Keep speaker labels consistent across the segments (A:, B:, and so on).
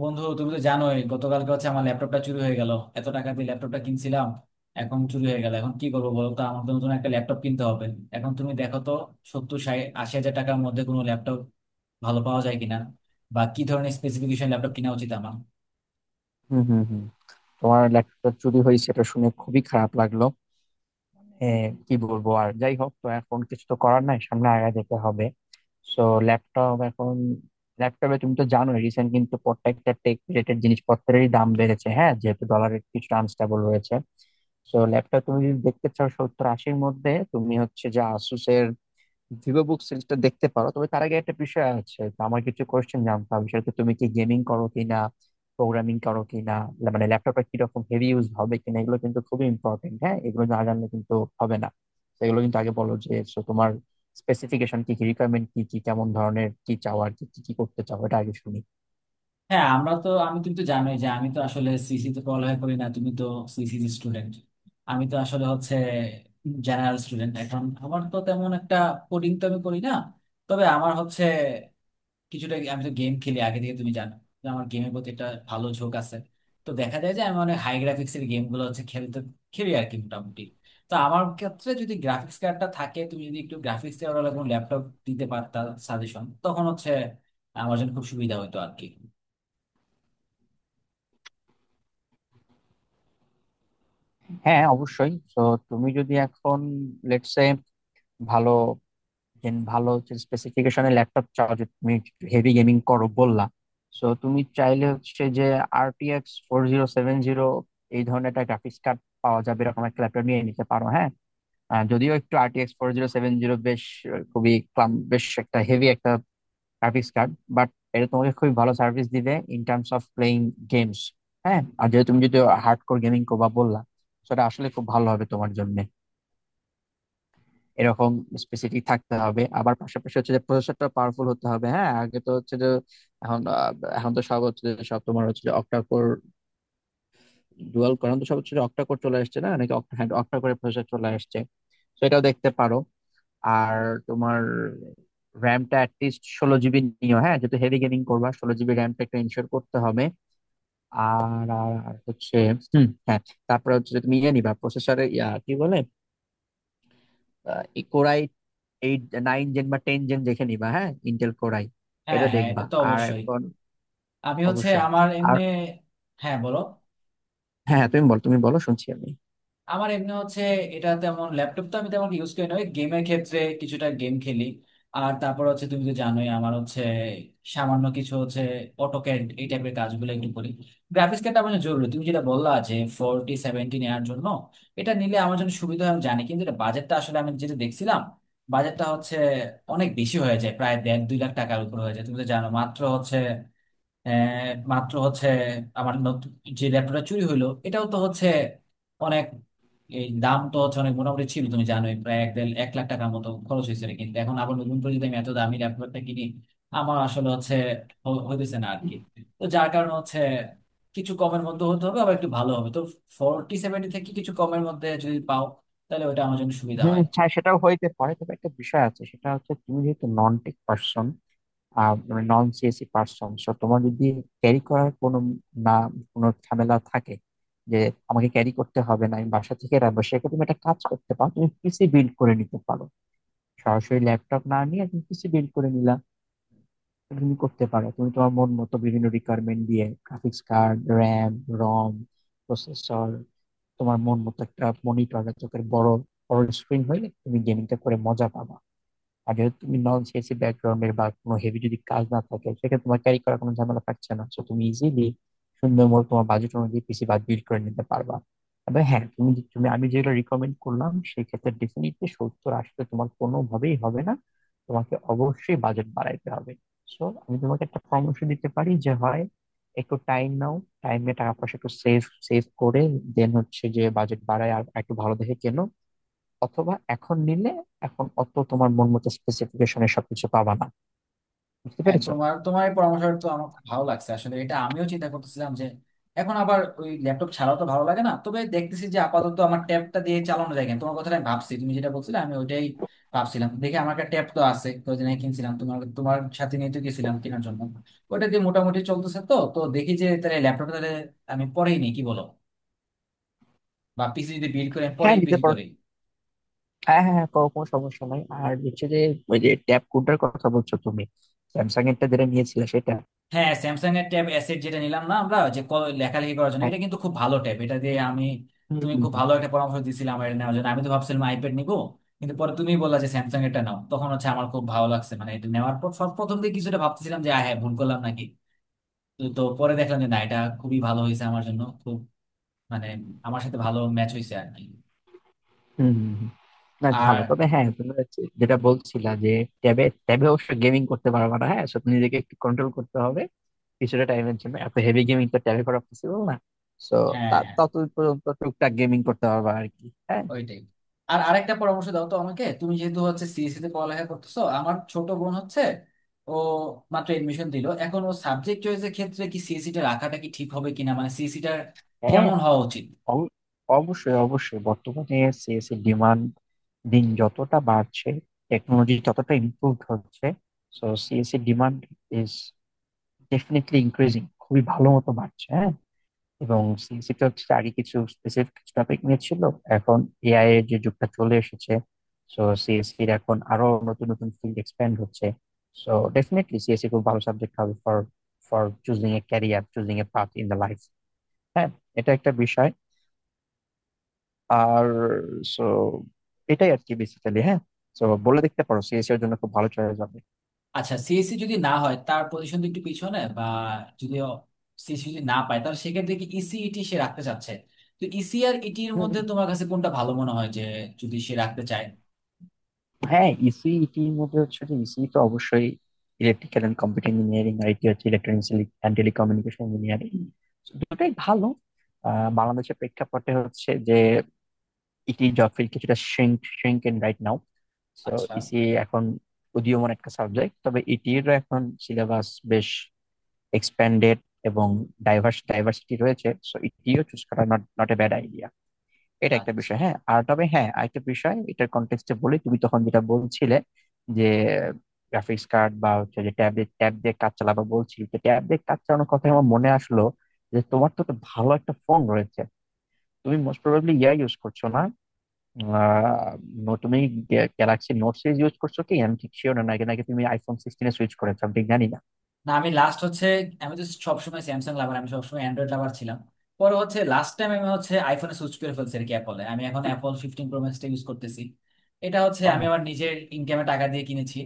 A: বন্ধু, তুমি তো জানোই গতকালকে হচ্ছে আমার ল্যাপটপটা চুরি হয়ে গেল। এত টাকা দিয়ে ল্যাপটপটা কিনছিলাম, এখন চুরি হয়ে গেল। এখন কি করবো বলো তো, আমার তো নতুন একটা ল্যাপটপ কিনতে হবে। এখন তুমি দেখো তো সত্তর ষাট আশি হাজার টাকার মধ্যে কোনো ল্যাপটপ ভালো পাওয়া যায় কিনা, বা কি ধরনের স্পেসিফিকেশন ল্যাপটপ কিনা উচিত আমার।
B: হুম, হুম, হুম। তোমার ল্যাপটপ চুরি হয়েছে, এটা শুনে খুবই খারাপ লাগলো। হ্যাঁ, কি বলবো, আর যাই হোক তো এখন কিছু তো করার নাই, সামনে আগায় যেতে হবে। সো ল্যাপটপ এখন ল্যাপটপে তুমি তো জানোই রিসেন্ট কিন্তু প্রত্যেকটা টেক রিলেটেড জিনিসপত্রেরই দাম বেড়েছে, হ্যাঁ, যেহেতু ডলারের কিছুটা আনস্টেবল রয়েছে। সো ল্যাপটপ তুমি যদি দেখতে চাও 70-80 মধ্যে, তুমি হচ্ছে যে আসুসের ভিভো বুক সিরিজটা দেখতে পারো। তবে তার আগে একটা বিষয় আছে, তো আমার কিছু কোয়েশ্চেন জানতে হবে। সেটা হচ্ছে তুমি কি গেমিং করো কিনা, প্রোগ্রামিং করো কিনা, মানে ল্যাপটপটা কিরকম হেভি ইউজ হবে কিনা। এগুলো কিন্তু খুবই ইম্পর্টেন্ট, হ্যাঁ, এগুলো না জানলে কিন্তু হবে না। তো এগুলো কিন্তু আগে বলো যে so তোমার স্পেসিফিকেশন কি কি, রিকোয়ারমেন্ট কি কি, কেমন ধরনের কি চাও, আর কি কি কি করতে চাও, এটা আগে শুনি।
A: হ্যাঁ, আমরা তো আমি তুমি তো জানোই যে আমি তো আসলে সিসি তে পড়ালেখা করি না। তুমি তো সিসি স্টুডেন্ট, আমি তো আসলে হচ্ছে জেনারেল স্টুডেন্ট। এখন আমার তো তেমন একটা কোডিং তো আমি করি না। তবে আমার হচ্ছে কিছুটা, আমি তো গেম খেলি আগে থেকে, তুমি জানো যে আমার গেমের প্রতি একটা ভালো ঝোঁক আছে। তো দেখা যায় যে আমি অনেক হাই গ্রাফিক্সের গেম গুলো হচ্ছে খেলতে খেলি আর কি, মোটামুটি। তো আমার ক্ষেত্রে যদি গ্রাফিক্স কার্ডটা থাকে, তুমি যদি একটু গ্রাফিক্স ওরা কোনো ল্যাপটপ দিতে পারতা সাজেশন, তখন হচ্ছে আমার জন্য খুব সুবিধা হতো আর কি।
B: হ্যাঁ, অবশ্যই। তো তুমি যদি এখন লেটস সে ভালো, দেন ভালো হচ্ছে স্পেসিফিকেশনের ল্যাপটপ চাও, যে তুমি হেভি গেমিং করো বললা, সো তুমি চাইলে হচ্ছে যে RTX 4070 এই ধরনের একটা গ্রাফিক্স কার্ড পাওয়া যাবে, এরকম একটা ল্যাপটপ নিয়ে নিতে পারো। হ্যাঁ, যদিও একটু RTX 4070 বেশ খুবই ক্লাম, বেশ একটা হেভি একটা গ্রাফিক্স কার্ড, বাট এটা তোমাকে খুবই ভালো সার্ভিস দিবে in terms of playing games. হ্যাঁ, আর যেহেতু তুমি যদি হার্ডকোর গেমিং করবা বললা, সেটা আসলে খুব ভালো হবে তোমার জন্য। এরকম স্পেসিফিক থাকতে হবে, আবার পাশাপাশি হচ্ছে যে প্রসেসরটা পাওয়ারফুল হতে হবে। হ্যাঁ, আগে তো হচ্ছে যে এখন এখন তো সব হচ্ছে যে সব তোমার হচ্ছে যে অক্টা কোর, ডুয়াল কোর। এখন তো সব হচ্ছে যে অক্টা কোর চলে আসছে না নাকি অক্টা, হ্যাঁ অক্টা কোরে প্রসেসর চলে আসছে। তো এটাও দেখতে পারো। আর তোমার র্যামটা অ্যাটলিস্ট 16 GB নিও। হ্যাঁ, যেহেতু হেভি গেমিং করবা, 16 GB র্যামটা একটা ইনশিওর করতে হবে। আর আর আর হচ্ছে, হুম, হ্যাঁ, তারপরে হচ্ছে যে তুমি ইয়ে নিবা প্রসেসরে, কি বলে, কোরাই এইট নাইন জেন বা টেন জেন দেখে নিবা। হ্যাঁ, ইন্টেল কোর আই
A: হ্যাঁ
B: এটা
A: হ্যাঁ,
B: দেখবা।
A: এটা তো
B: আর
A: অবশ্যই।
B: এখন
A: আমি হচ্ছে
B: অবশ্যই,
A: আমার
B: আর
A: এমনি। হ্যাঁ, বলো।
B: হ্যাঁ হ্যাঁ, তুমি বল, তুমি বলো, শুনছি আমি।
A: আমার এমনি হচ্ছে এটা তেমন ল্যাপটপ তো আমি তেমন ইউজ করি না, ওই গেমের ক্ষেত্রে কিছুটা গেম খেলি। আর তারপর হচ্ছে তুমি তো জানোই আমার হচ্ছে সামান্য কিছু হচ্ছে অটোক্যাড এই টাইপের কাজগুলো একটু করি। গ্রাফিক্স কার্ডটা আমার জন্য জরুরি। তুমি যেটা বললা যে 4070 নেওয়ার জন্য, এটা নিলে আমার জন্য সুবিধা হয় আমি জানি, কিন্তু এটা বাজেটটা আসলে আমি যেটা দেখছিলাম বাজেটটা হচ্ছে অনেক বেশি হয়ে যায়, প্রায় দেড় দুই লাখ টাকার উপর হয়ে যায়। তুমি তো জানো মাত্র হচ্ছে, মাত্র হচ্ছে আমার নতুন যে ল্যাপটপটা চুরি হইলো এটাও তো হচ্ছে অনেক, এই দাম তো হচ্ছে অনেক মোটামুটি ছিল, তুমি জানোই প্রায় এক দেড় এক লাখ টাকার মতো খরচ হয়েছিল। কিন্তু এখন আবার নতুন করে যদি আমি এত দামি ল্যাপটপটা কিনি, আমার আসলে হচ্ছে হইতেছে না আর কি। তো যার কারণে হচ্ছে কিছু কমের মধ্যে হতে হবে, আবার একটু ভালো হবে তো। 4070 থেকে কিছু কমের মধ্যে যদি পাও, তাহলে ওটা আমার জন্য সুবিধা
B: হুম,
A: হয়।
B: হ্যাঁ, সেটাও হইতে পারে। তবে একটা বিষয় আছে, সেটা হচ্ছে তুমি যেহেতু নন টেক পার্সন, মানে নন সিএসি পার্সন, সো তোমার যদি ক্যারি করার কোনো না কোনো ঝামেলা থাকে যে আমাকে ক্যারি করতে হবে না, আমি বাসা থেকে রাখবো, সেক্ষেত্রে তুমি একটা কাজ করতে পারো, তুমি পিসি বিল্ড করে নিতে পারো। সরাসরি ল্যাপটপ না নিয়ে তুমি পিসি বিল্ড করে নিলা, তুমি করতে পারো। তুমি তোমার মন মতো বিভিন্ন রিকোয়ারমেন্ট দিয়ে graphics card, RAM, ROM, processor, তোমার মন মতো একটা মনিটর, চোখের বড় বড় স্ক্রিন হইলে তুমি গেমিংটা করে মজা পাবা। আর যেহেতু তুমি নন সিএসসি ব্যাকগ্রাউন্ডের বা কোনো হেভি যদি কাজ না থাকে, সেক্ষেত্রে তোমার ক্যারি করার কোনো ঝামেলা থাকছে না, সো তুমি ইজিলি সুন্দর মতো তোমার বাজেট অনুযায়ী পিসি বাদ বিল্ড করে নিতে পারবা। তবে হ্যাঁ, তুমি, আমি যেগুলো রিকমেন্ড করলাম সেক্ষেত্রে ডেফিনেটলি 70-80 হাজারে তোমার কোনোভাবেই হবে না, তোমাকে অবশ্যই বাজেট বাড়াইতে হবে। সো আমি তোমাকে একটা পরামর্শ দিতে পারি যে হয় একটু টাইম নাও, টাইম নিয়ে টাকা পয়সা একটু সেভ সেভ করে দেন হচ্ছে যে বাজেট বাড়ায় আর একটু ভালো দেখে কেনো। অথবা এখন নিলে এখন অত তোমার মন মতো স্পেসিফিকেশনে সবকিছু পাবা না, বুঝতে
A: হ্যাঁ,
B: পেরেছো।
A: তোমার তোমার এই পরামর্শটা তো আমার খুব ভালো লাগছে আসলে। এটা আমিও চিন্তা করতেছিলাম যে এখন আবার ওই ল্যাপটপ ছাড়াও তো ভালো লাগে না, তবে দেখতেছি যে আপাতত আমার ট্যাবটা দিয়ে চালানো যায় কেন। তোমার কথাটা আমি ভাবছি, তুমি যেটা বলছিলে আমি ওইটাই ভাবছিলাম। দেখি আমার একটা ট্যাব তো আছে, কয়েকদিন আগে কিনছিলাম, তোমার তোমার সাথে নিয়ে তো গেছিলাম কেনার জন্য। ওটা দিয়ে মোটামুটি চলতেছে। তো তো দেখি যে তাহলে ল্যাপটপটা তাহলে আমি পরেই নিই, কি বলো, বা পিসি যদি বিল্ড করে আমি
B: হ্যাঁ,
A: পরেই
B: নিতে
A: পিসি
B: পারো।
A: করি।
B: হ্যাঁ হ্যাঁ হ্যাঁ, কোনো কোনো সমস্যা নাই। আর হচ্ছে যে ওই যে ট্যাব কোডটার কথা বলছো তুমি, স্যামসাং এরটা যেটা নিয়েছিলে সেটা।
A: হ্যাঁ, স্যামসাং এর ট্যাব অ্যাসেট যেটা নিলাম না আমরা, লেখালেখি করার জন্য
B: হ্যাঁ,
A: এটা কিন্তু খুব ভালো ট্যাব, এটা দিয়ে আমি
B: হুম,
A: তুমি
B: হুম,
A: খুব
B: হুম।
A: ভালো একটা পরামর্শ দিছিলে আমার এটা নেওয়ার জন্য। আমি তো ভাবছিলাম আইপ্যাড নিবো, কিন্তু পরে তুমি বললা যে স্যামসাং এরটা নাও, তখন হচ্ছে আমার খুব ভালো লাগছে। মানে এটা নেওয়ার পর সব প্রথম দিকে কিছুটা ভাবতেছিলাম যে হ্যাঁ, ভুল করলাম নাকি। তো তো পরে দেখলাম যে না, এটা খুবই ভালো হয়েছে আমার জন্য, খুব মানে আমার সাথে ভালো ম্যাচ হয়েছে আর কি।
B: হুম, হুম, হুম। না,
A: আর
B: ভালো। তবে হ্যাঁ, তুমি হচ্ছে যেটা বলছিলা যে ট্যাবে ট্যাবে অবশ্য গেমিং করতে পারবা না। হ্যাঁ, সো নিজেকে একটু কন্ট্রোল করতে হবে কিছুটা টাইমের জন্য। এত হেভি গেমিং তো ট্যাবে করা পসিবল না। সো
A: হ্যাঁ হ্যাঁ।
B: তত পর্যন্ত টুকটাক গেমিং করতে পারবা আর কি। হ্যাঁ,
A: ওইটাই। আর আরেকটা পরামর্শ দাও তো আমাকে। তুমি যেহেতু হচ্ছে সিএসসি তে পড়ালেখা করতেছো, আমার ছোট বোন হচ্ছে ও মাত্র এডমিশন দিল। এখন ও সাবজেক্ট চয়েসের ক্ষেত্রে কি সিএসসি টা রাখাটা কি ঠিক হবে কিনা, মানে সিএসসি টা
B: হ্যাঁ,
A: কেমন হওয়া উচিত?
B: অব- অবশ্যই, অবশ্যই। বর্তমানে সিএস এর ডিমান্ড দিন যতটা বাড়ছে, টেকনোলজি ততটা ইমপ্রুভ হচ্ছে, সো সিএস এর ডিমান্ড ইজ ডেফিনেটলি ইনক্রিজিং, খুবই ভালো মতো বাড়ছে। হ্যাঁ, এবং সিএসসি তো হচ্ছে আগে কিছু স্পেসিফিক কিছু টপিক নিয়ে ছিল। এখন এআই এর যে যুগটা চলে এসেছে, সো সিএসসি এর এখন আরো নতুন নতুন ফিল্ড এক্সপ্যান্ড হচ্ছে। সো ডেফিনেটলি সিএসসি খুব ভালো সাবজেক্ট হবে for for choosing a career, choosing a path in the life. হ্যাঁ, এটা একটা বিষয়। আর সো এটাই আর কি বেসিক্যালি। হ্যাঁ, তো বলে দেখতে পারো, সিএসি এর জন্য খুব ভালো চয়েস হবে।
A: আচ্ছা, সিএসসি যদি না হয় তার পজিশন তো একটু পিছনে, বা যদি সিএসসি যদি না পায় তাহলে সেক্ষেত্রে কি ইসিইটি সে রাখতে চাচ্ছে। তো ইসি আর ইটির
B: হুম,
A: মধ্যে তোমার কাছে কোনটা ভালো মনে হয় যে, যদি সে রাখতে চায়?
B: হ্যাঁ, ইসিইটি এর মধ্যে হচ্ছে যে ইসিই তো অবশ্যই electrical and computer engineering, IT হচ্ছে ইলেকট্রনিক্স অ্যান্ড টেলিকমিউনিকেশন ইঞ্জিনিয়ারিং। দুটোই ভালো। বাংলাদেশের প্রেক্ষাপটে হচ্ছে যে ইটি জব ফিল্ড কিছুটা shrink shrink in right now. So
A: আচ্ছা।
B: ইসি এখন উদীয়মান একটা সাবজেক্ট। তবে ইটির এখন সিলেবাস বেশ এক্সপ্যান্ডেড এবং ডাইভার্সিটি রয়েছে, সো এটিও চুজ করা not not a bad idea. এটা একটা
A: আচ্ছা।
B: বিষয়। হ্যাঁ, আর তবে হ্যাঁ, আরেকটা বিষয় এটার কন্টেক্সটে বলি, তুমি তখন যেটা বলছিলে যে গ্রাফিক্স কার্ড বা হচ্ছে যে ট্যাব দিয়ে কাজ চালাবা, বলছি যে ট্যাব দিয়ে কাজ চালানোর কথা আমার মনে আসলো যে তোমার তো একটা ভালো একটা ফোন রয়েছে, তুমি মোস্ট প্রবাবলি ইয়া ইউজ করছো না। আহ, তুমি গ্যালাক্সি নোট সিরিজ ইউজ করছো কি আমি ঠিক শিওর না, নাকি নাকি তুমি আইফোন 16-তে সুইচ করেছো আমি ঠিক জানি না।
A: না, আমি লাস্ট হচ্ছে, আমি তো সবসময় স্যামসাং লাভার, আমি সবসময় অ্যান্ড্রয়েড লাভার ছিলাম। পরে হচ্ছে লাস্ট টাইম আমি হচ্ছে আইফোনে সুইচ করে ফেলছি আর কি, অ্যাপলে। আমি এখন অ্যাপল 15 প্রো ম্যাক্সটা ইউজ করতেছি। এটা হচ্ছে আমি
B: ও,
A: আমার নিজের ইনকামে টাকা দিয়ে কিনেছি।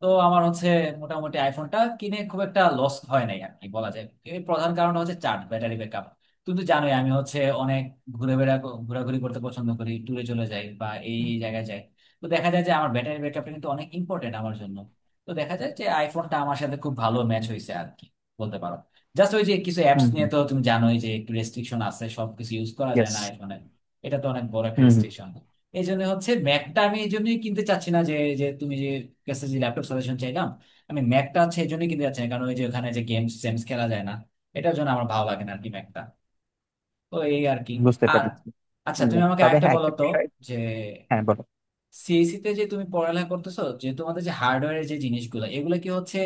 A: তো আমার হচ্ছে মোটামুটি আইফোনটা কিনে খুব একটা লস হয় নাই আর কি, বলা যায়। এর প্রধান কারণ হচ্ছে চার্জ, ব্যাটারি ব্যাকআপ। তুমি তো জানোই আমি হচ্ছে অনেক ঘুরে বেড়া ঘোরাঘুরি করতে পছন্দ করি, ট্যুরে চলে যাই বা এই এই জায়গায় যাই। তো দেখা যায় যে আমার ব্যাটারি ব্যাকআপটা কিন্তু অনেক ইম্পর্টেন্ট আমার জন্য। তো দেখা যায় যে আইফোনটা আমার সাথে খুব ভালো ম্যাচ হয়েছে আর কি, বলতে পারো। জাস্ট ওই যে কিছু অ্যাপস
B: হুম,
A: নিয়ে তো তুমি জানোই যে একটু রেস্ট্রিকশন আছে, সবকিছু ইউজ করা যায়
B: ইয়েস,
A: না আইফোনে। এটা তো অনেক বড় একটা রেস্ট্রিকশন। এই জন্য হচ্ছে ম্যাকটা আমি এই জন্যই কিনতে চাচ্ছি না। যে, যে তুমি যে কাছে যে ল্যাপটপ সাজেশন চাইলাম, আমি ম্যাকটা হচ্ছে এই জন্যই কিনতে চাচ্ছি না, কারণ ওই যে ওখানে যে গেমস খেলা যায় না। এটার জন্য আমার ভালো লাগে না আর কি ম্যাকটা। তো এই আর কি।
B: বুঝতে
A: আর
B: পেরেছি।
A: আচ্ছা,
B: হুম,
A: তুমি আমাকে
B: তবে
A: আরেকটা
B: হ্যাঁ,
A: বলো
B: একটা
A: তো,
B: বিষয়।
A: যে
B: হ্যাঁ, বলো।
A: সিএসি তে যে তুমি পড়ালেখা করতেছো, যে তোমাদের যে হার্ডওয়্যারের যে জিনিসগুলো, এগুলো কি হচ্ছে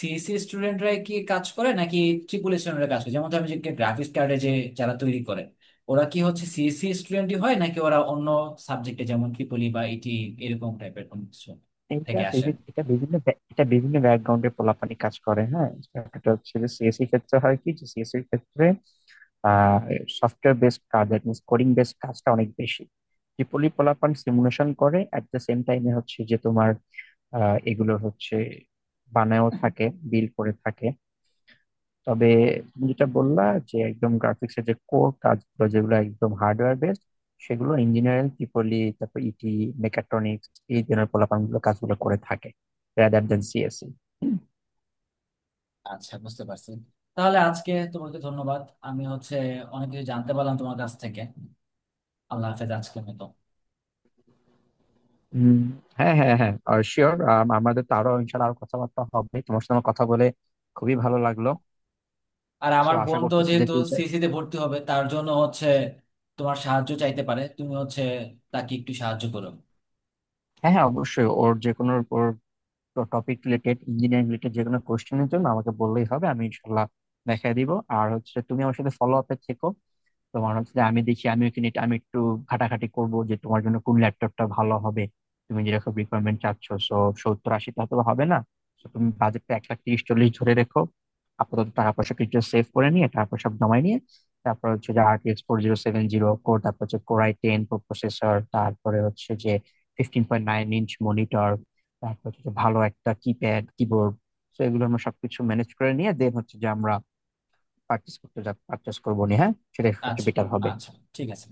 A: সিএসি স্টুডেন্টরাই কি কাজ করে নাকি ট্রিপল স্টুডেন্টরা কাজ করে? যেমন আমি যে গ্রাফিক্স কার্ডে যে যারা তৈরি করে ওরা কি হচ্ছে সিএসি স্টুডেন্টই হয়, নাকি ওরা অন্য সাবজেক্টে যেমন ট্রিপলি বা ইটি এরকম টাইপের কোনো কিছু থেকে আসে?
B: এটা বিভিন্ন ব্যাকগ্রাউন্ডে পোলাপানি কাজ করে। হ্যাঁ, এটা হচ্ছে যে সিএসসি ক্ষেত্রে হয় কি যে সিএসসি ক্ষেত্রে আহ সফটওয়্যার বেসড কাজ দ্যাট মিনস কোডিং বেসড কাজটা অনেক বেশি। ট্রিপলি পোলাপান সিমুলেশন করে এট দ্য সেম টাইমে, হচ্ছে যে তোমার এগুলো হচ্ছে বানায়ও থাকে, বিল করে থাকে। তবে তুমি যেটা বললা যে একদম গ্রাফিক্স এর যে কোর কাজগুলো, যেগুলো একদম হার্ডওয়্যার বেসড, সেগুলো ইঞ্জিনিয়ারিং ট্রিপলি, তারপর ইটি, মেকাট্রনিক্স, এই ধরনের পোলাপান গুলো কাজগুলো করে থাকে, রাদার দেন সিএসসি।
A: আচ্ছা, বুঝতে পারছি। তাহলে আজকে তোমাকে ধন্যবাদ। আমি হচ্ছে অনেক কিছু জানতে পারলাম তোমার কাছ থেকে। আল্লাহ হাফেজ আজকের মতো।
B: হম, হ্যাঁ হ্যাঁ হ্যাঁ, শিওর। আমাদের তো আরো ইনশাল্লাহ আরো কথাবার্তা হবে। তোমার সাথে আমার কথা বলে খুবই ভালো লাগলো।
A: আর
B: সো
A: আমার
B: আশা
A: বোন তো
B: করতেছি যে
A: যেহেতু
B: ফিউচার,
A: সিসি তে ভর্তি হবে, তার জন্য হচ্ছে তোমার সাহায্য চাইতে পারে, তুমি হচ্ছে তাকে একটু সাহায্য করো।
B: হ্যাঁ হ্যাঁ, অবশ্যই ওর যে কোনো ওর টপিক রিলেটেড ইঞ্জিনিয়ারিং রিলেটেড যে কোনো কোয়েশ্চেনের জন্য আমাকে বললেই হবে, আমি ইনশাল্লাহ দেখাই দিব। আর হচ্ছে তুমি আমার সাথে ফলো আপে থেকো। তোমার হচ্ছে যে আমি দেখি, আমি কিনে আমি একটু ঘাটাঘাটি করব যে তোমার জন্য কোন ল্যাপটপটা ভালো হবে, তুমি যেরকম রিকোয়ারমেন্ট চাচ্ছ। সো 70-80 হাজারে হয়তো বা হবে না। তো তুমি বাজেটটা 1 লাখ 30-40 হাজার ধরে রেখো। আপাতত টাকা পয়সা কিছু সেভ করে নিয়ে, টাকা পয়সা জমাই নিয়ে, তারপর হচ্ছে যে RTX four zero seven zero core, তারপর হচ্ছে Core i10 প্রো প্রসেসর, তারপরে হচ্ছে যে 15.9 ইঞ্চ মনিটর, তারপর হচ্ছে যে ভালো একটা কিপ্যাড কিবোর্ড। তো এগুলো আমরা সবকিছু ম্যানেজ করে নিয়ে দেন হচ্ছে যে আমরা পার্চেস করতে যা পার্চেস করবো নি। হ্যাঁ, সেটা সবচেয়ে
A: আচ্ছা
B: বেটার হবে।
A: আচ্ছা, ঠিক আছে।